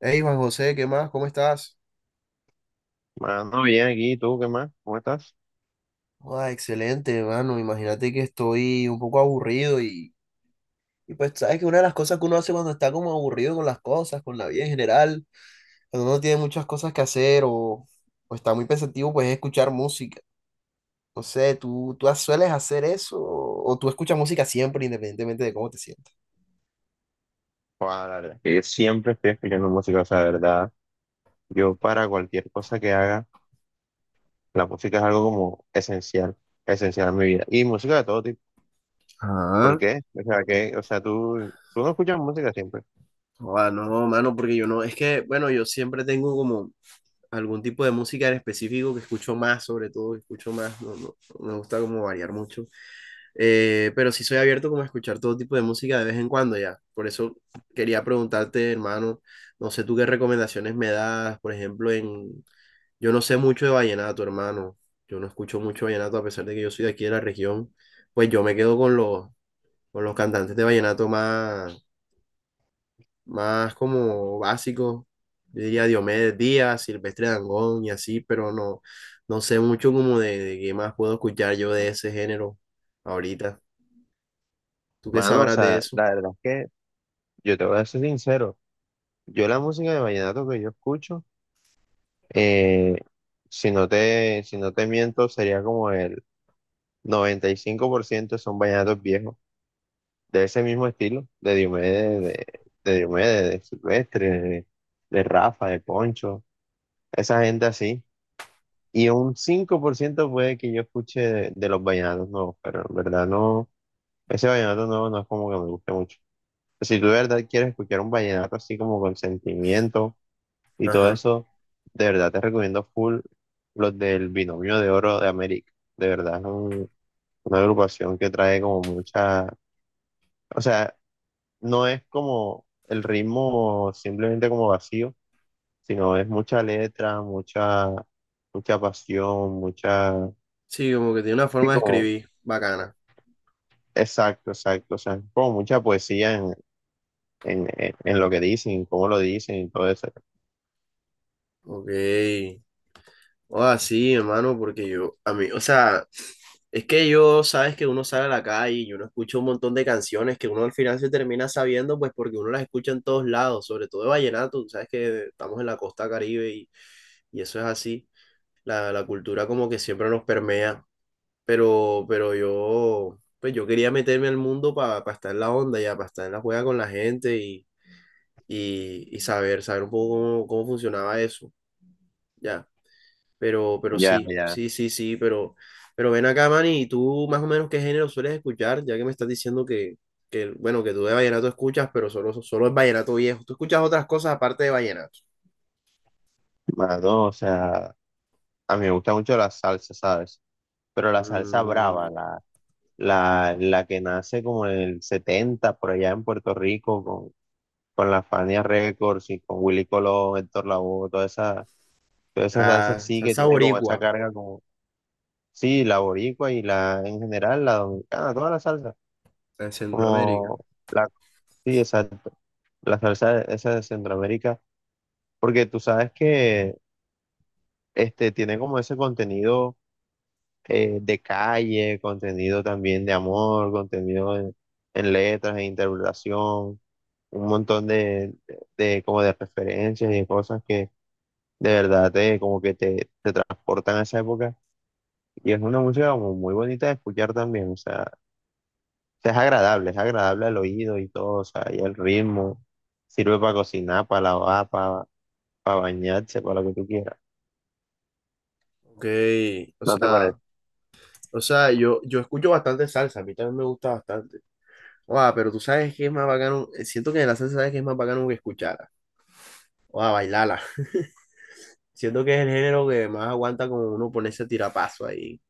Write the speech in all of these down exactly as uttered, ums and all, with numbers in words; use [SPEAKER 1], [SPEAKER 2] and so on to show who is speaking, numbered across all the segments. [SPEAKER 1] Hey Juan José, ¿qué más? ¿Cómo estás?
[SPEAKER 2] Mano, bien aquí, ¿y ¿tú qué más? ¿Cómo estás?
[SPEAKER 1] Joda, excelente, hermano. Imagínate que estoy un poco aburrido y, y pues sabes que una de las cosas que uno hace cuando está como aburrido con las cosas, con la vida en general, cuando uno tiene muchas cosas que hacer o, o está muy pensativo, pues es escuchar música. No sé, ¿tú, tú sueles hacer eso o, o tú escuchas música siempre independientemente de cómo te sientas?
[SPEAKER 2] Joder, la verdad es que yo siempre estoy escuchando música, o sea, de verdad, yo para cualquier cosa que haga, la música es algo como esencial, esencial en mi vida. Y música de todo tipo. ¿Por
[SPEAKER 1] Ah,
[SPEAKER 2] qué? O sea, que, o sea, tú, tú no escuchas música siempre.
[SPEAKER 1] ah, no, mano, porque yo no, es que, bueno, yo siempre tengo como, algún tipo de música en específico que escucho más, sobre todo, que escucho más, no, no, no me gusta como variar mucho. Eh, pero sí soy abierto como a escuchar todo tipo de música de vez en cuando ya, por eso quería preguntarte, hermano, no sé tú qué recomendaciones me das, por ejemplo, en, yo no sé mucho de vallenato, hermano, yo no escucho mucho vallenato a pesar de que yo soy de aquí de la región, pues yo me quedo con los, con los cantantes de vallenato más más como básico. Yo diría Diomedes Díaz, Silvestre Dangond y así, pero no, no sé mucho como de, de qué más puedo escuchar yo de ese género ahorita. ¿Tú qué
[SPEAKER 2] Mano, o
[SPEAKER 1] sabrás de
[SPEAKER 2] sea,
[SPEAKER 1] eso?
[SPEAKER 2] la verdad es que yo te voy a ser sincero, yo la música de vallenato que yo escucho, eh, si no te, si no te miento, sería como el noventa y cinco por ciento son vallenatos viejos, de ese mismo estilo, de Diomedes, de, de Diomedes, de Silvestre, de, de Rafa, de Poncho, esa gente así. Y un cinco por ciento puede que yo escuche de, de los vallenatos nuevos, pero en verdad no, ese vallenato nuevo no es como que me guste mucho. Si tú de verdad quieres escuchar un vallenato así como con sentimiento y todo
[SPEAKER 1] Ajá.
[SPEAKER 2] eso, de verdad te recomiendo full los del Binomio de Oro de América. De verdad es un- una agrupación que trae como mucha, o sea, no es como el ritmo simplemente como vacío, sino es mucha letra, mucha, mucha pasión, mucha...
[SPEAKER 1] Sí, como que tiene una
[SPEAKER 2] sí,
[SPEAKER 1] forma de
[SPEAKER 2] como-
[SPEAKER 1] escribir bacana.
[SPEAKER 2] exacto, exacto, o sea, como mucha poesía en, en, en- en lo que dicen, cómo lo dicen y todo eso.
[SPEAKER 1] Ok. O así, hermano, porque yo, a mí, o sea, es que yo, sabes que uno sale a la calle y uno escucha un montón de canciones que uno al final se termina sabiendo, pues porque uno las escucha en todos lados, sobre todo de vallenato, tú sabes que estamos en la costa Caribe. Y eso es así. La, la cultura como que siempre nos permea. Pero, pero yo, pues yo quería meterme al mundo para estar en la onda ya, para estar en la juega con la gente y, y, y saber, saber un poco cómo, cómo funcionaba eso. Ya. Pero, pero
[SPEAKER 2] Ya,
[SPEAKER 1] sí,
[SPEAKER 2] ya.
[SPEAKER 1] sí, sí, sí, pero, pero, ven acá, Manny, ¿y tú más o menos qué género sueles escuchar? Ya que me estás diciendo que, que bueno, que tú de vallenato escuchas, pero solo, solo es vallenato viejo. ¿Tú escuchas otras cosas aparte de vallenato?
[SPEAKER 2] Más no, o sea, a mí me gusta mucho la salsa, ¿sabes? Pero la salsa
[SPEAKER 1] Mm,
[SPEAKER 2] brava, la, la, la que nace como en el setenta por allá en Puerto Rico, con, con la Fania Records y con Willy Colón, Héctor Lavoe, toda esa. Toda esa salsa
[SPEAKER 1] ah,
[SPEAKER 2] sí que
[SPEAKER 1] salsa
[SPEAKER 2] tiene como esa
[SPEAKER 1] boricua,
[SPEAKER 2] carga como, sí, la boricua y la, en general, la dominicana, toda la salsa,
[SPEAKER 1] en Centroamérica.
[SPEAKER 2] como la, sí, exacto, la salsa de- esa de Centroamérica, porque tú sabes que este, tiene como ese contenido, eh, de calle, contenido también de amor, contenido en, en letras, en interpretación, un montón de, de, como de referencias y de cosas que de verdad te, como que te, te transportan a esa época. Y es una música como muy bonita de escuchar también, o sea, es agradable, es agradable al oído y todo, o sea, y el ritmo sirve para cocinar, para lavar, para, para bañarse, para lo que tú quieras.
[SPEAKER 1] Ok, o
[SPEAKER 2] ¿No te parece?
[SPEAKER 1] sea, o sea, yo, yo escucho bastante salsa, a mí también me gusta bastante. Guau, pero tú sabes que es más bacano, eh, siento que de la salsa sabes que es más bacano que escucharla, o a bailarla. Siento que es el género que más aguanta como uno ponerse a tirapaso ahí,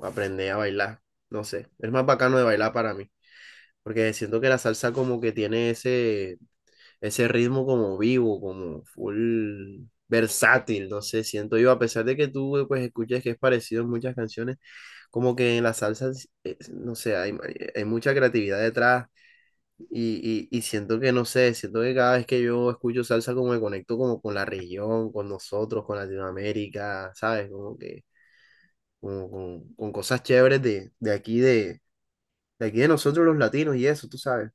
[SPEAKER 1] aprender a bailar, no sé, es más bacano de bailar para mí, porque siento que la salsa como que tiene ese, ese ritmo como vivo, como full versátil, no sé, siento yo, a pesar de que tú eh, pues escuches que es parecido en muchas canciones como que en las salsas, eh, no sé, hay, hay mucha creatividad detrás y, y, y siento que, no sé, siento que cada vez que yo escucho salsa como me conecto como con la región, con nosotros, con Latinoamérica, ¿sabes? Como que como con, con cosas chéveres de, de aquí, de, de aquí de nosotros los latinos y eso, tú sabes.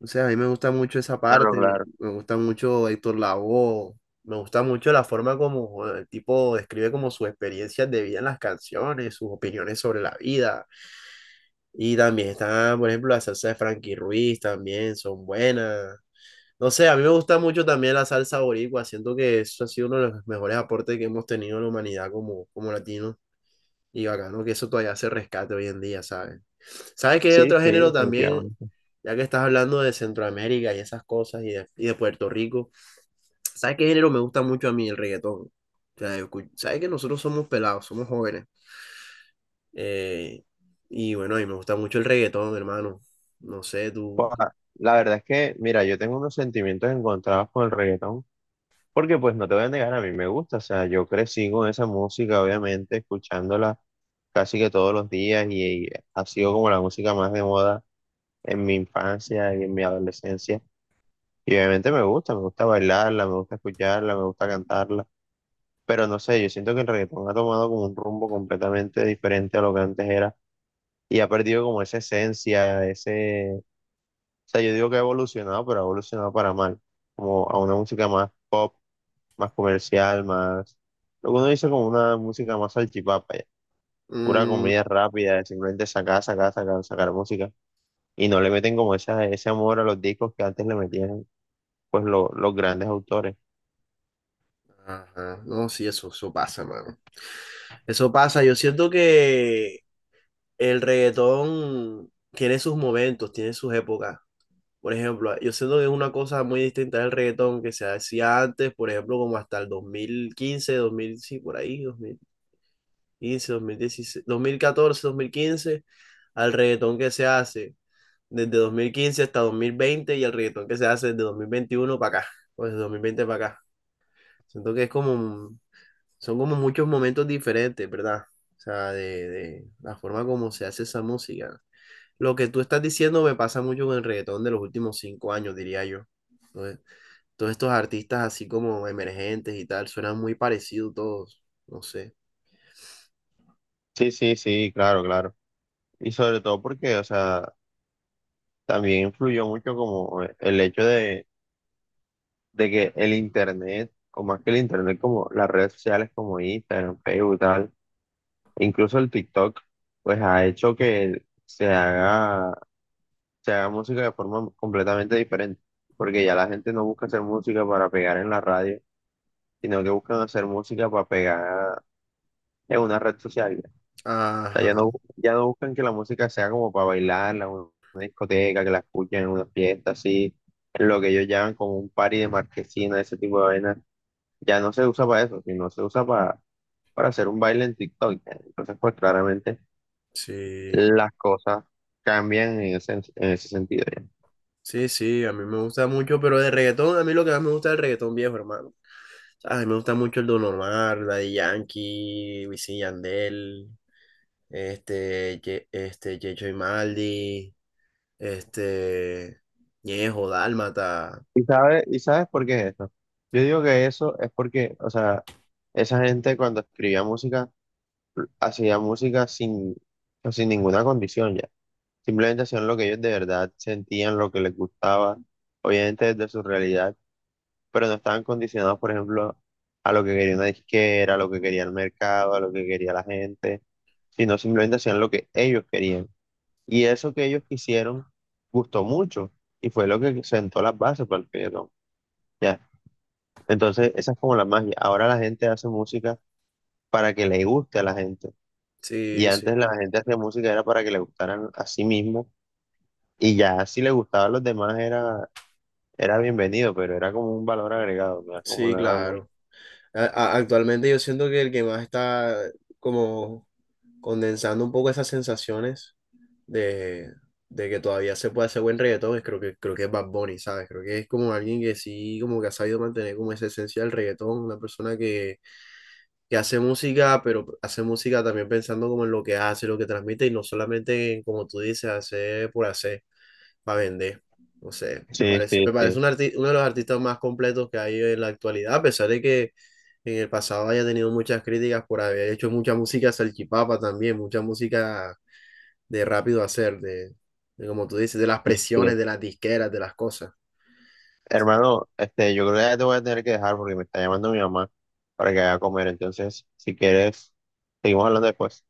[SPEAKER 1] O sea, a mí me gusta mucho esa
[SPEAKER 2] Claro,
[SPEAKER 1] parte,
[SPEAKER 2] claro.
[SPEAKER 1] me gusta mucho Héctor Lavoe, me gusta mucho la forma como eh, el tipo describe como sus experiencias de vida en las canciones, sus opiniones sobre la vida. Y también está, por ejemplo, la salsa de Frankie Ruiz, también son buenas. No sé, a mí me gusta mucho también la salsa boricua, siento que eso ha sido uno de los mejores aportes que hemos tenido en la humanidad como, como latinos. Y bacano que eso todavía se rescate hoy en día, ¿sabes? ¿Sabes qué hay
[SPEAKER 2] Sí,
[SPEAKER 1] otro
[SPEAKER 2] sí,
[SPEAKER 1] género también?
[SPEAKER 2] definitivamente.
[SPEAKER 1] Ya que estás hablando de Centroamérica y esas cosas y de, y de Puerto Rico, ¿sabes qué género me gusta mucho a mí? El reggaetón. O sea, yo escu- ¿sabes que nosotros somos pelados, somos jóvenes? Eh, y bueno, a mí me gusta mucho el reggaetón, hermano. No sé,
[SPEAKER 2] Pues,
[SPEAKER 1] tú.
[SPEAKER 2] ah, la verdad es que, mira, yo tengo unos sentimientos encontrados con el reggaetón, porque pues no te voy a negar, a mí me gusta, o sea, yo crecí con esa música, obviamente, escuchándola casi que todos los días y, y ha sido como la música más de moda en mi infancia y en mi adolescencia. Y obviamente me gusta, me gusta bailarla, me gusta escucharla, me gusta cantarla, pero no sé, yo siento que el reggaetón ha tomado como un rumbo completamente diferente a lo que antes era y ha perdido como esa esencia, ese, o sea, yo digo que ha evolucionado, pero ha evolucionado para mal, como a una música más pop, más comercial, más, lo que uno dice como una música más salchipapa, ya. Pura
[SPEAKER 1] Mm,
[SPEAKER 2] comida rápida, simplemente sacar, sacar, sacar, sacar música y no le meten como esa, ese amor a los discos que antes le metían, pues lo- los grandes autores.
[SPEAKER 1] ajá. No, sí, eso, eso pasa, mano. Eso pasa. Yo siento que el reggaetón tiene sus momentos, tiene sus épocas. Por ejemplo, yo siento que es una cosa muy distinta del reggaetón que se hacía antes, por ejemplo, como hasta el dos mil quince dos mil sí, por ahí, dos dos dos mil mil mil quince dieciséis catorce dos mil quince al reggaetón que se hace, desde dos mil quince hasta dos mil veinte y el reggaetón que se hace desde dos mil veintiuno para acá, o desde dos mil veinte para acá. Siento que es como, son como muchos momentos diferentes, ¿verdad? O sea, de, de la forma como se hace esa música. Lo que tú estás diciendo me pasa mucho con el reggaetón de los últimos cinco años, diría yo. Entonces, todos estos artistas así como emergentes y tal, suenan muy parecidos todos, no sé.
[SPEAKER 2] Sí, sí, sí, claro, claro. Y sobre todo porque, o sea, también influyó mucho como el hecho de, de que el Internet, o más que el Internet, como las redes sociales como Instagram, Facebook, tal, e incluso el TikTok, pues ha hecho que se haga, se haga música de forma completamente diferente. Porque ya la gente no busca hacer música para pegar en la radio, sino que buscan hacer música para pegar en una red social. Sea, ya
[SPEAKER 1] Ajá,
[SPEAKER 2] no, ya no buscan que la música sea como para bailarla, una, una discoteca, que la escuchen en una fiesta, así, en lo que ellos llaman como un party de marquesina, ese tipo de vaina. Ya no se usa para eso, sino se usa para, para hacer un baile en TikTok. Ya. Entonces, pues claramente
[SPEAKER 1] sí.
[SPEAKER 2] las cosas cambian en ese, en ese sentido ya.
[SPEAKER 1] Sí, sí, a mí me gusta mucho, pero de reggaetón, a mí lo que más me gusta es el reggaetón viejo, hermano. A mí me gusta mucho el Don Omar, Daddy Yankee, Wisin y Yandel, este, Ye- este, Checho y Maldi, este, Ñejo, Dálmata.
[SPEAKER 2] ¿Y sabes, y sabes por qué es eso? Yo digo que eso es porque, o sea, esa gente cuando escribía música, hacía música sin, sin ninguna condición ya. Simplemente hacían lo que ellos de verdad sentían, lo que les gustaba, obviamente desde su realidad, pero no estaban condicionados, por ejemplo, a lo que quería una disquera, a lo que quería el mercado, a lo que quería la gente, sino simplemente hacían lo que ellos querían. Y eso que ellos quisieron gustó mucho y fue lo que sentó las bases para el reggaetón. Ya. Entonces, esa es como la magia. Ahora la gente hace música para que le guste a la gente. Y
[SPEAKER 1] Sí,
[SPEAKER 2] antes
[SPEAKER 1] sí,
[SPEAKER 2] la gente hacía música era para que le gustaran a sí mismo. Y ya si le gustaba a los demás era. Era bienvenido, pero era como un valor agregado, no era como
[SPEAKER 1] sí,
[SPEAKER 2] nada muy...
[SPEAKER 1] claro. A- a- actualmente yo siento que el que más está como condensando un poco esas sensaciones de, de que todavía se puede hacer buen reggaetón, es- creo que, creo que es Bad Bunny, ¿sabes? Creo que es como alguien que sí, como que ha sabido mantener como esa esencia del reggaetón, una persona que que hace música, pero hace música también pensando como en lo que hace, lo que transmite y no solamente en, como tú dices, hacer por hacer, para vender. No sé, me
[SPEAKER 2] Sí,
[SPEAKER 1] parece,
[SPEAKER 2] sí,
[SPEAKER 1] me parece
[SPEAKER 2] sí,
[SPEAKER 1] un arti- uno de los artistas más completos que hay en la actualidad, a pesar de que en el pasado haya tenido muchas críticas por haber hecho mucha música salchipapa también, mucha música de rápido hacer, de, de como tú dices, de las
[SPEAKER 2] sí, sí.
[SPEAKER 1] presiones, de las disqueras, de las cosas.
[SPEAKER 2] Hermano, este, yo creo que ya te voy a tener que dejar porque me está llamando mi mamá para que vaya a comer. Entonces, si quieres, seguimos hablando después.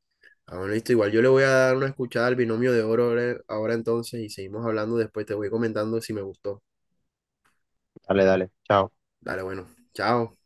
[SPEAKER 1] Ah, bueno, listo, igual yo le voy a dar una escuchada al binomio de oro ahora ahora entonces y seguimos hablando después, te voy comentando si me gustó.
[SPEAKER 2] Dale, dale. Chao.
[SPEAKER 1] Dale, bueno. Chao.